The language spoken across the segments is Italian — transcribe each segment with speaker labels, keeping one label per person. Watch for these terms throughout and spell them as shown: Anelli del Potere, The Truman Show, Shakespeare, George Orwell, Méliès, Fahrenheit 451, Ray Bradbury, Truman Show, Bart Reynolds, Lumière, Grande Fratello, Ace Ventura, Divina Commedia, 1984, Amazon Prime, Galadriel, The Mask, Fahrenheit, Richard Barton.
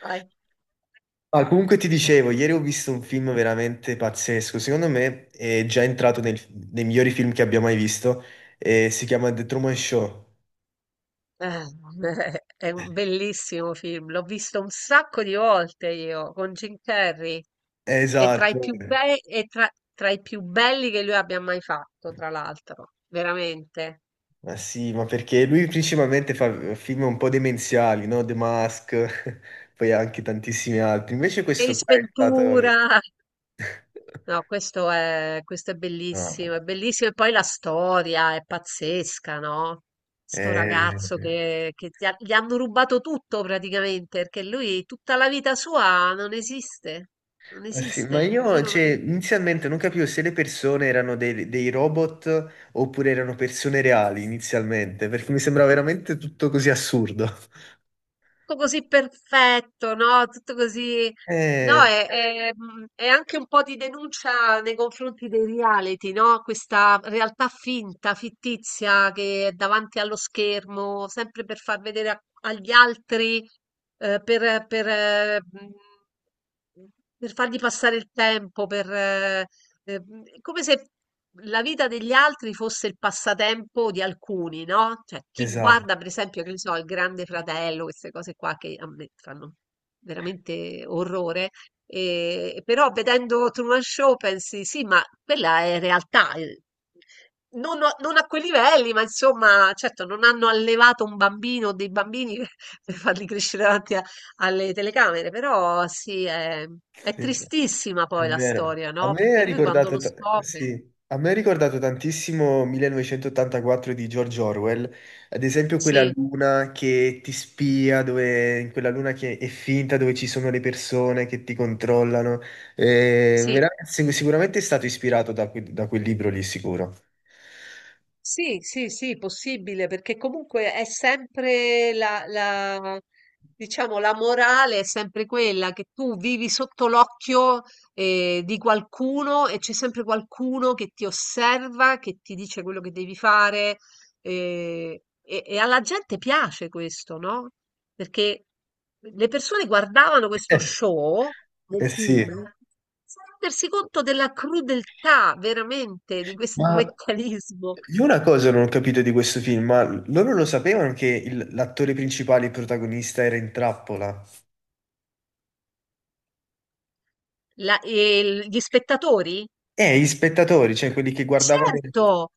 Speaker 1: Vai.
Speaker 2: Ah, comunque ti dicevo, ieri ho visto un film veramente pazzesco, secondo me è già entrato nei migliori film che abbia mai visto, e si chiama The Truman Show.
Speaker 1: Eh, è un bellissimo film, l'ho visto un sacco di volte io con Jim Carrey. È tra i
Speaker 2: Esatto.
Speaker 1: più bei, è tra, tra i più belli che lui abbia mai fatto, tra l'altro, veramente.
Speaker 2: Ma sì, ma perché lui principalmente fa film un po' demenziali, no? The Mask, poi anche tantissimi altri, invece questo
Speaker 1: Ace
Speaker 2: qua è stato.
Speaker 1: Ventura. No, questo
Speaker 2: No.
Speaker 1: è bellissimo e poi la storia è pazzesca, no? Sto ragazzo
Speaker 2: eh,
Speaker 1: gli hanno rubato tutto praticamente, perché lui tutta la vita sua non esiste, non
Speaker 2: Ah, sì, ma
Speaker 1: esiste. Lui
Speaker 2: io,
Speaker 1: non ha...
Speaker 2: cioè, inizialmente non capivo se le persone erano dei robot oppure erano persone reali inizialmente, perché mi sembrava veramente tutto così assurdo.
Speaker 1: Tutto così perfetto, no? Tutto così... No,
Speaker 2: Eh,
Speaker 1: è anche un po' di denuncia nei confronti dei reality, no? Questa realtà finta, fittizia che è davanti allo schermo, sempre per far vedere a- agli altri, eh, per, per, eh, mm, per fargli passare il tempo, eh, come se la vita degli altri fosse il passatempo di alcuni, no? Cioè, chi
Speaker 2: esatto.
Speaker 1: guarda, per esempio, che ne so, il Grande Fratello, queste cose qua che a me fanno veramente orrore. E però vedendo Truman Show pensi, sì, ma quella è realtà, eh. Non a, non a quei livelli, ma insomma, certo, non hanno allevato un bambino o dei bambini per farli crescere davanti a- alle telecamere, però sì, è
Speaker 2: Sì.
Speaker 1: tristissima
Speaker 2: È
Speaker 1: poi la
Speaker 2: vero.
Speaker 1: storia,
Speaker 2: A
Speaker 1: no?
Speaker 2: me
Speaker 1: Perché
Speaker 2: è
Speaker 1: lui quando
Speaker 2: ricordato,
Speaker 1: lo
Speaker 2: ta-
Speaker 1: scopre.
Speaker 2: sì, a me è ricordato tantissimo 1984 di George Orwell, ad esempio quella
Speaker 1: Sì,
Speaker 2: luna che ti spia, dove, in quella luna che è finta, dove ci sono le persone che ti controllano.
Speaker 1: sì.
Speaker 2: Sicuramente è stato ispirato da quel libro lì, sicuro.
Speaker 1: Sì, sì, sì, possibile, perché comunque è sempre la diciamo, la morale è sempre quella che tu vivi sotto l'occhio di qualcuno e c'è sempre qualcuno che ti osserva, che ti dice quello che devi fare, e alla gente piace questo, no? Perché le persone guardavano questo
Speaker 2: Eh,
Speaker 1: show del
Speaker 2: eh
Speaker 1: film
Speaker 2: sì,
Speaker 1: senza rendersi conto della crudeltà veramente di questo
Speaker 2: ma
Speaker 1: meccanismo.
Speaker 2: io una cosa non ho capito di questo film, ma loro lo sapevano che l'attore principale, il protagonista, era in trappola?
Speaker 1: La- e il- gli spettatori?
Speaker 2: Gli spettatori, cioè quelli che guardavano il
Speaker 1: Certo,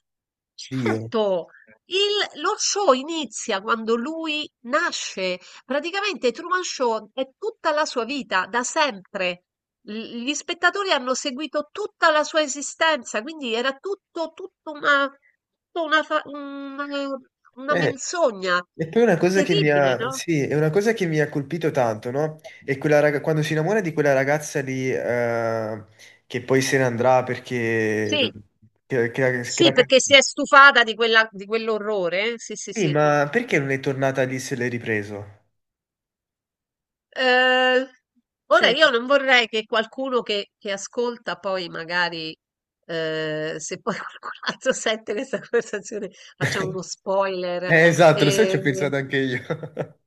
Speaker 2: Dio.
Speaker 1: certo. Il- lo show inizia quando lui nasce. Praticamente Truman Show è tutta la sua vita, da sempre. L- gli spettatori hanno seguito tutta la sua esistenza, quindi era tutta una una
Speaker 2: Eh,
Speaker 1: menzogna.
Speaker 2: E poi una
Speaker 1: È
Speaker 2: cosa che mi
Speaker 1: terribile,
Speaker 2: ha,
Speaker 1: no?
Speaker 2: sì, è una cosa che mi ha colpito tanto, no? È quando si innamora di quella ragazza lì, che poi se ne andrà perché.
Speaker 1: Sì,
Speaker 2: Che, che, che
Speaker 1: sì,
Speaker 2: la ca-
Speaker 1: perché si è stufata di quella- di quell'orrore, eh? Sì, sì,
Speaker 2: Sì,
Speaker 1: sì.
Speaker 2: ma perché non è tornata lì se l'hai ripreso?
Speaker 1: Eh, Ora
Speaker 2: Cioè.
Speaker 1: io non vorrei che qualcuno che ascolta poi magari, se poi qualcun altro sente questa conversazione, facciamo uno spoiler.
Speaker 2: Esatto, lo sai, ci ho
Speaker 1: eh,
Speaker 2: pensato anche io.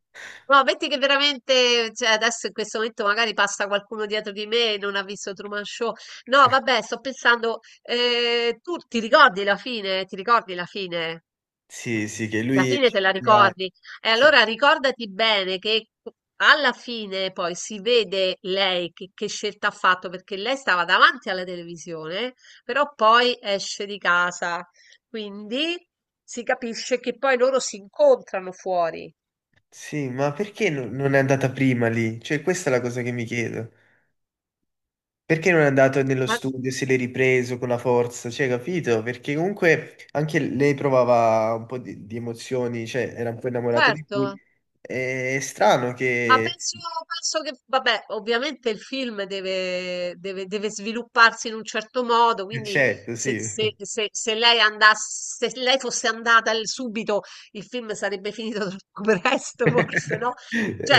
Speaker 1: no, metti che veramente, cioè, adesso in questo momento magari passa qualcuno dietro di me e non ha visto Truman Show. No, vabbè, sto pensando, tu ti ricordi la fine? Ti ricordi la fine?
Speaker 2: Sì, sì, che
Speaker 1: Alla
Speaker 2: lui.
Speaker 1: fine te la ricordi. E
Speaker 2: Sì,
Speaker 1: allora ricordati bene che alla fine poi si vede lei che scelta ha fatto, perché lei stava davanti alla televisione, però poi esce di casa. Quindi si capisce che poi loro si incontrano fuori.
Speaker 2: sì, ma perché non è andata prima lì? Cioè, questa è la cosa che mi chiedo. Perché non è andato nello
Speaker 1: Ma
Speaker 2: studio, se l'è ripreso con la forza, cioè, capito? Perché comunque anche lei provava un po' di emozioni, cioè, era un po' innamorata di lui.
Speaker 1: certo.
Speaker 2: È strano
Speaker 1: Ma
Speaker 2: che.
Speaker 1: penso, penso che, vabbè, ovviamente il film deve, deve svilupparsi in un certo modo,
Speaker 2: Eh,
Speaker 1: quindi
Speaker 2: certo, sì.
Speaker 1: se, se lei andasse, se lei fosse andata l- subito, il film sarebbe finito troppo presto, forse, no? Cioè,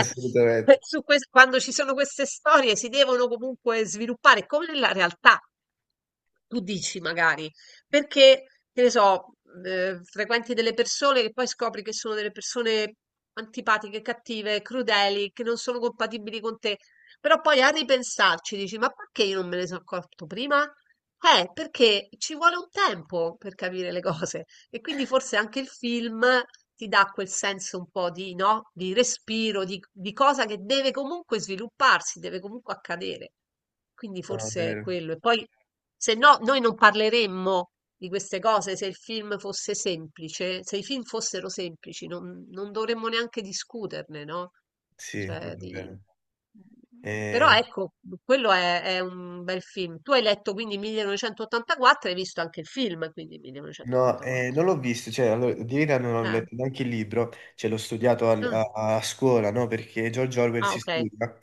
Speaker 1: su ques- quando ci sono queste storie si devono comunque sviluppare, come nella realtà. Tu dici magari. Perché, che ne so, frequenti delle persone che poi scopri che sono delle persone antipatiche, cattive, crudeli, che non sono compatibili con te. Però poi a ripensarci dici, ma perché io non me ne sono accorto prima? Perché ci vuole un tempo per capire le cose e quindi forse anche il film ti dà quel senso un po' di, no? Di respiro, di cosa che deve comunque svilupparsi, deve comunque accadere. Quindi
Speaker 2: No, è
Speaker 1: forse è
Speaker 2: vero.
Speaker 1: quello. E poi, se no, noi non parleremmo di queste cose, se il film fosse semplice, se i film fossero semplici, non, non dovremmo neanche discuterne, no?
Speaker 2: Sì, non
Speaker 1: Cioè,
Speaker 2: è
Speaker 1: di...
Speaker 2: vero.
Speaker 1: Però
Speaker 2: Eh,
Speaker 1: ecco, quello è un bel film. Tu hai letto quindi 1984 e hai visto anche il film, quindi
Speaker 2: no, non
Speaker 1: 1984.
Speaker 2: l'ho visto, cioè, allora, di verità non ho
Speaker 1: Ah,
Speaker 2: letto neanche il libro, cioè, l'ho studiato a, a scuola, no? Perché George Orwell
Speaker 1: ah,
Speaker 2: si
Speaker 1: ok.
Speaker 2: studia.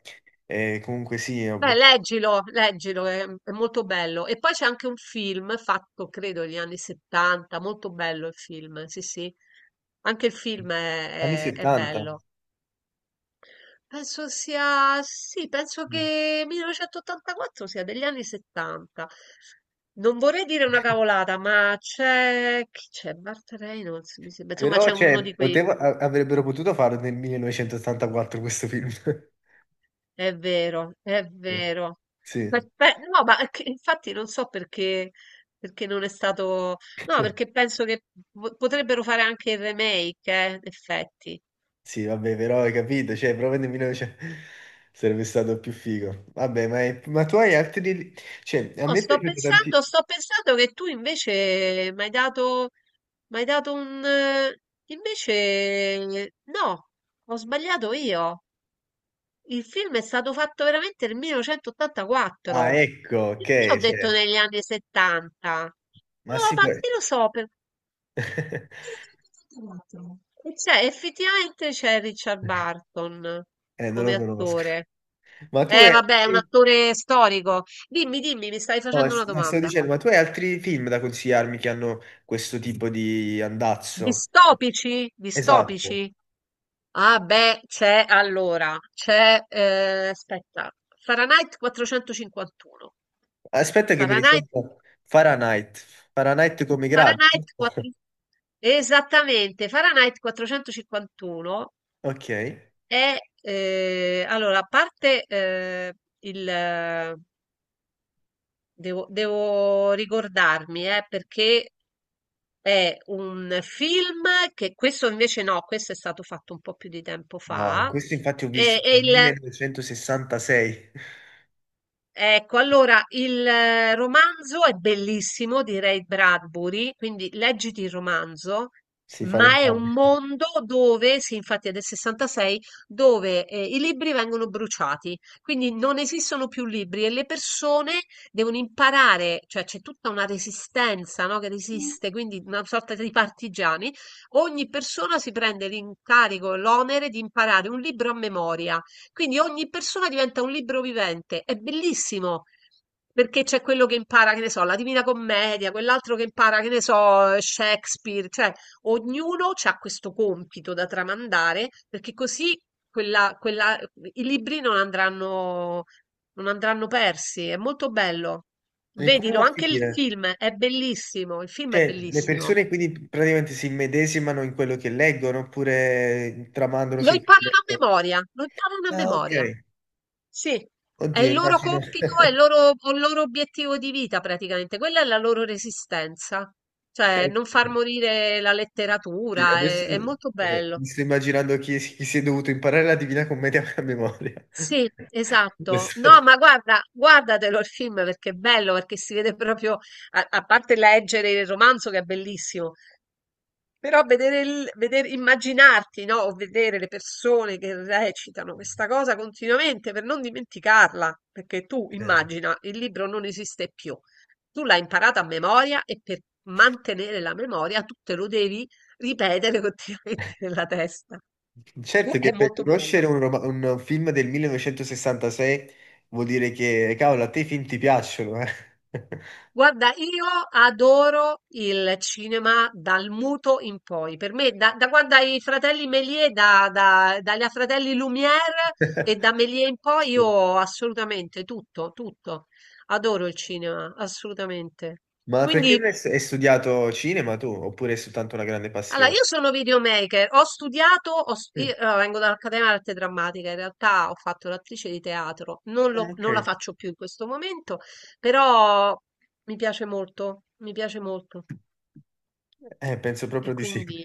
Speaker 2: Comunque sì,
Speaker 1: Beh,
Speaker 2: ho.
Speaker 1: leggilo, leggilo, è molto bello. E poi c'è anche un film fatto, credo, negli anni 70, molto bello il film, sì, sì. Anche il film
Speaker 2: Anni
Speaker 1: è
Speaker 2: 70.
Speaker 1: bello. Penso sia, sì, penso
Speaker 2: Mm.
Speaker 1: che 1984 sia degli anni 70. Non vorrei dire una cavolata, ma c'è, chi c'è? Bart Reynolds, mi sembra. Insomma,
Speaker 2: Però,
Speaker 1: c'è uno di
Speaker 2: cioè,
Speaker 1: quei,
Speaker 2: avrebbero potuto farlo nel 1984 questo film.
Speaker 1: è vero, è
Speaker 2: Eh.
Speaker 1: vero.
Speaker 2: Sì.
Speaker 1: Aspe- No, ma che- infatti non so perché, perché non è stato, no, perché penso che po- potrebbero fare anche il remake, in effetti.
Speaker 2: Sì, vabbè, però hai capito, cioè, proprio nel 1900 sarebbe stato più figo. Vabbè, ma tu hai altri. Cioè, a
Speaker 1: No,
Speaker 2: me è piaciuto tanti.
Speaker 1: sto pensando che tu invece mi hai dato, m'hai dato un... Invece no, ho sbagliato io. Il film è stato fatto veramente nel
Speaker 2: Ah,
Speaker 1: 1984.
Speaker 2: ecco,
Speaker 1: Perché
Speaker 2: ok,
Speaker 1: ho detto
Speaker 2: cioè,
Speaker 1: negli anni 70?
Speaker 2: ma
Speaker 1: No,
Speaker 2: si può.
Speaker 1: ma che lo so, per... 1984. E c'è, effettivamente c'è Richard Barton
Speaker 2: Non
Speaker 1: come
Speaker 2: lo conosco.
Speaker 1: attore.
Speaker 2: Ma tu hai...
Speaker 1: Vabbè, è un attore storico. Dimmi, dimmi, mi stai
Speaker 2: No,
Speaker 1: facendo una
Speaker 2: stavo
Speaker 1: domanda.
Speaker 2: dicendo, ma tu hai altri film da consigliarmi che hanno questo tipo di andazzo?
Speaker 1: Distopici?
Speaker 2: Esatto.
Speaker 1: Distopici? Ah beh, c'è allora, c'è, aspetta, Fahrenheit 451.
Speaker 2: Aspetta che mi
Speaker 1: Fahrenheit,
Speaker 2: risento Fahrenheit. Fahrenheit come i gradi.
Speaker 1: Fahrenheit
Speaker 2: Giusto?
Speaker 1: 4... Esattamente, Fahrenheit 451
Speaker 2: Ok.
Speaker 1: è, allora, a parte il... devo, devo ricordarmi, perché è un film che questo invece no, questo è stato fatto un po' più di tempo
Speaker 2: No,
Speaker 1: fa.
Speaker 2: questo infatti ho visto
Speaker 1: È
Speaker 2: nel
Speaker 1: il,
Speaker 2: 1966.
Speaker 1: ecco, allora il romanzo è bellissimo di Ray Bradbury, quindi leggiti il romanzo,
Speaker 2: Si fanno
Speaker 1: ma è
Speaker 2: entrambi.
Speaker 1: un mondo dove, sì, infatti è del 66, dove i libri vengono bruciati, quindi non esistono più libri e le persone devono imparare, cioè c'è tutta una resistenza, no, che resiste, quindi una sorta di partigiani. Ogni persona si prende l'incarico, l'onere di imparare un libro a memoria. Quindi ogni persona diventa un libro vivente, è bellissimo. Perché c'è quello che impara, che ne so, la Divina Commedia, quell'altro che impara, che ne so, Shakespeare, cioè ognuno ha questo compito da tramandare, perché così quella- quella- i libri non andranno, non andranno persi. È molto bello.
Speaker 2: E come va
Speaker 1: Vedilo,
Speaker 2: a
Speaker 1: anche il
Speaker 2: finire?
Speaker 1: film è bellissimo, il film è
Speaker 2: Cioè, le
Speaker 1: bellissimo.
Speaker 2: persone quindi praticamente si immedesimano in quello che leggono oppure tramandano
Speaker 1: Lo imparano a
Speaker 2: semplicemente.
Speaker 1: memoria, lo imparano a
Speaker 2: Ah,
Speaker 1: memoria.
Speaker 2: ok.
Speaker 1: Sì, è
Speaker 2: Oddio,
Speaker 1: il loro
Speaker 2: immagino.
Speaker 1: compito, è il loro, o il loro obiettivo di vita praticamente, quella è la loro resistenza, cioè non far morire la
Speaker 2: Sì.
Speaker 1: letteratura,
Speaker 2: Adesso
Speaker 1: è molto bello.
Speaker 2: mi sto immaginando chi si è dovuto imparare la Divina Commedia a memoria.
Speaker 1: Sì,
Speaker 2: È
Speaker 1: esatto. No,
Speaker 2: stato-
Speaker 1: ma guarda, guardatelo il film perché è bello, perché si vede proprio, a, a parte leggere il romanzo che è bellissimo, però vedere, il, veder- immaginarti, no? O vedere le persone che recitano questa cosa continuamente per non dimenticarla, perché tu
Speaker 2: eh.
Speaker 1: immagina, il libro non esiste più. Tu l'hai imparata a memoria e per mantenere la memoria tu te lo devi ripetere continuamente nella testa.
Speaker 2: Certo
Speaker 1: È
Speaker 2: che per
Speaker 1: molto
Speaker 2: conoscere
Speaker 1: bello.
Speaker 2: un film del 1966 vuol dire che, cavolo, a te i film ti piacciono, eh.
Speaker 1: Guarda, io adoro il cinema dal muto in poi. Per me, da, da quando ai fratelli Méliès, dagli fratelli Lumière e da Méliès in poi,
Speaker 2: Sì.
Speaker 1: io assolutamente tutto, tutto. Adoro il cinema, assolutamente.
Speaker 2: Ma perché non hai
Speaker 1: Quindi,
Speaker 2: stu- hai studiato cinema tu, oppure è soltanto una grande
Speaker 1: allora,
Speaker 2: passione?
Speaker 1: io sono videomaker, ho studiato, ho stu-
Speaker 2: Mm.
Speaker 1: io, allora, vengo dall'Accademia d'Arte Drammatica, in realtà ho fatto l'attrice di teatro, non
Speaker 2: Ah,
Speaker 1: lo-
Speaker 2: ok.
Speaker 1: non la faccio più in questo momento, però mi piace molto, mi piace molto.
Speaker 2: Penso
Speaker 1: E
Speaker 2: proprio di sì.
Speaker 1: quindi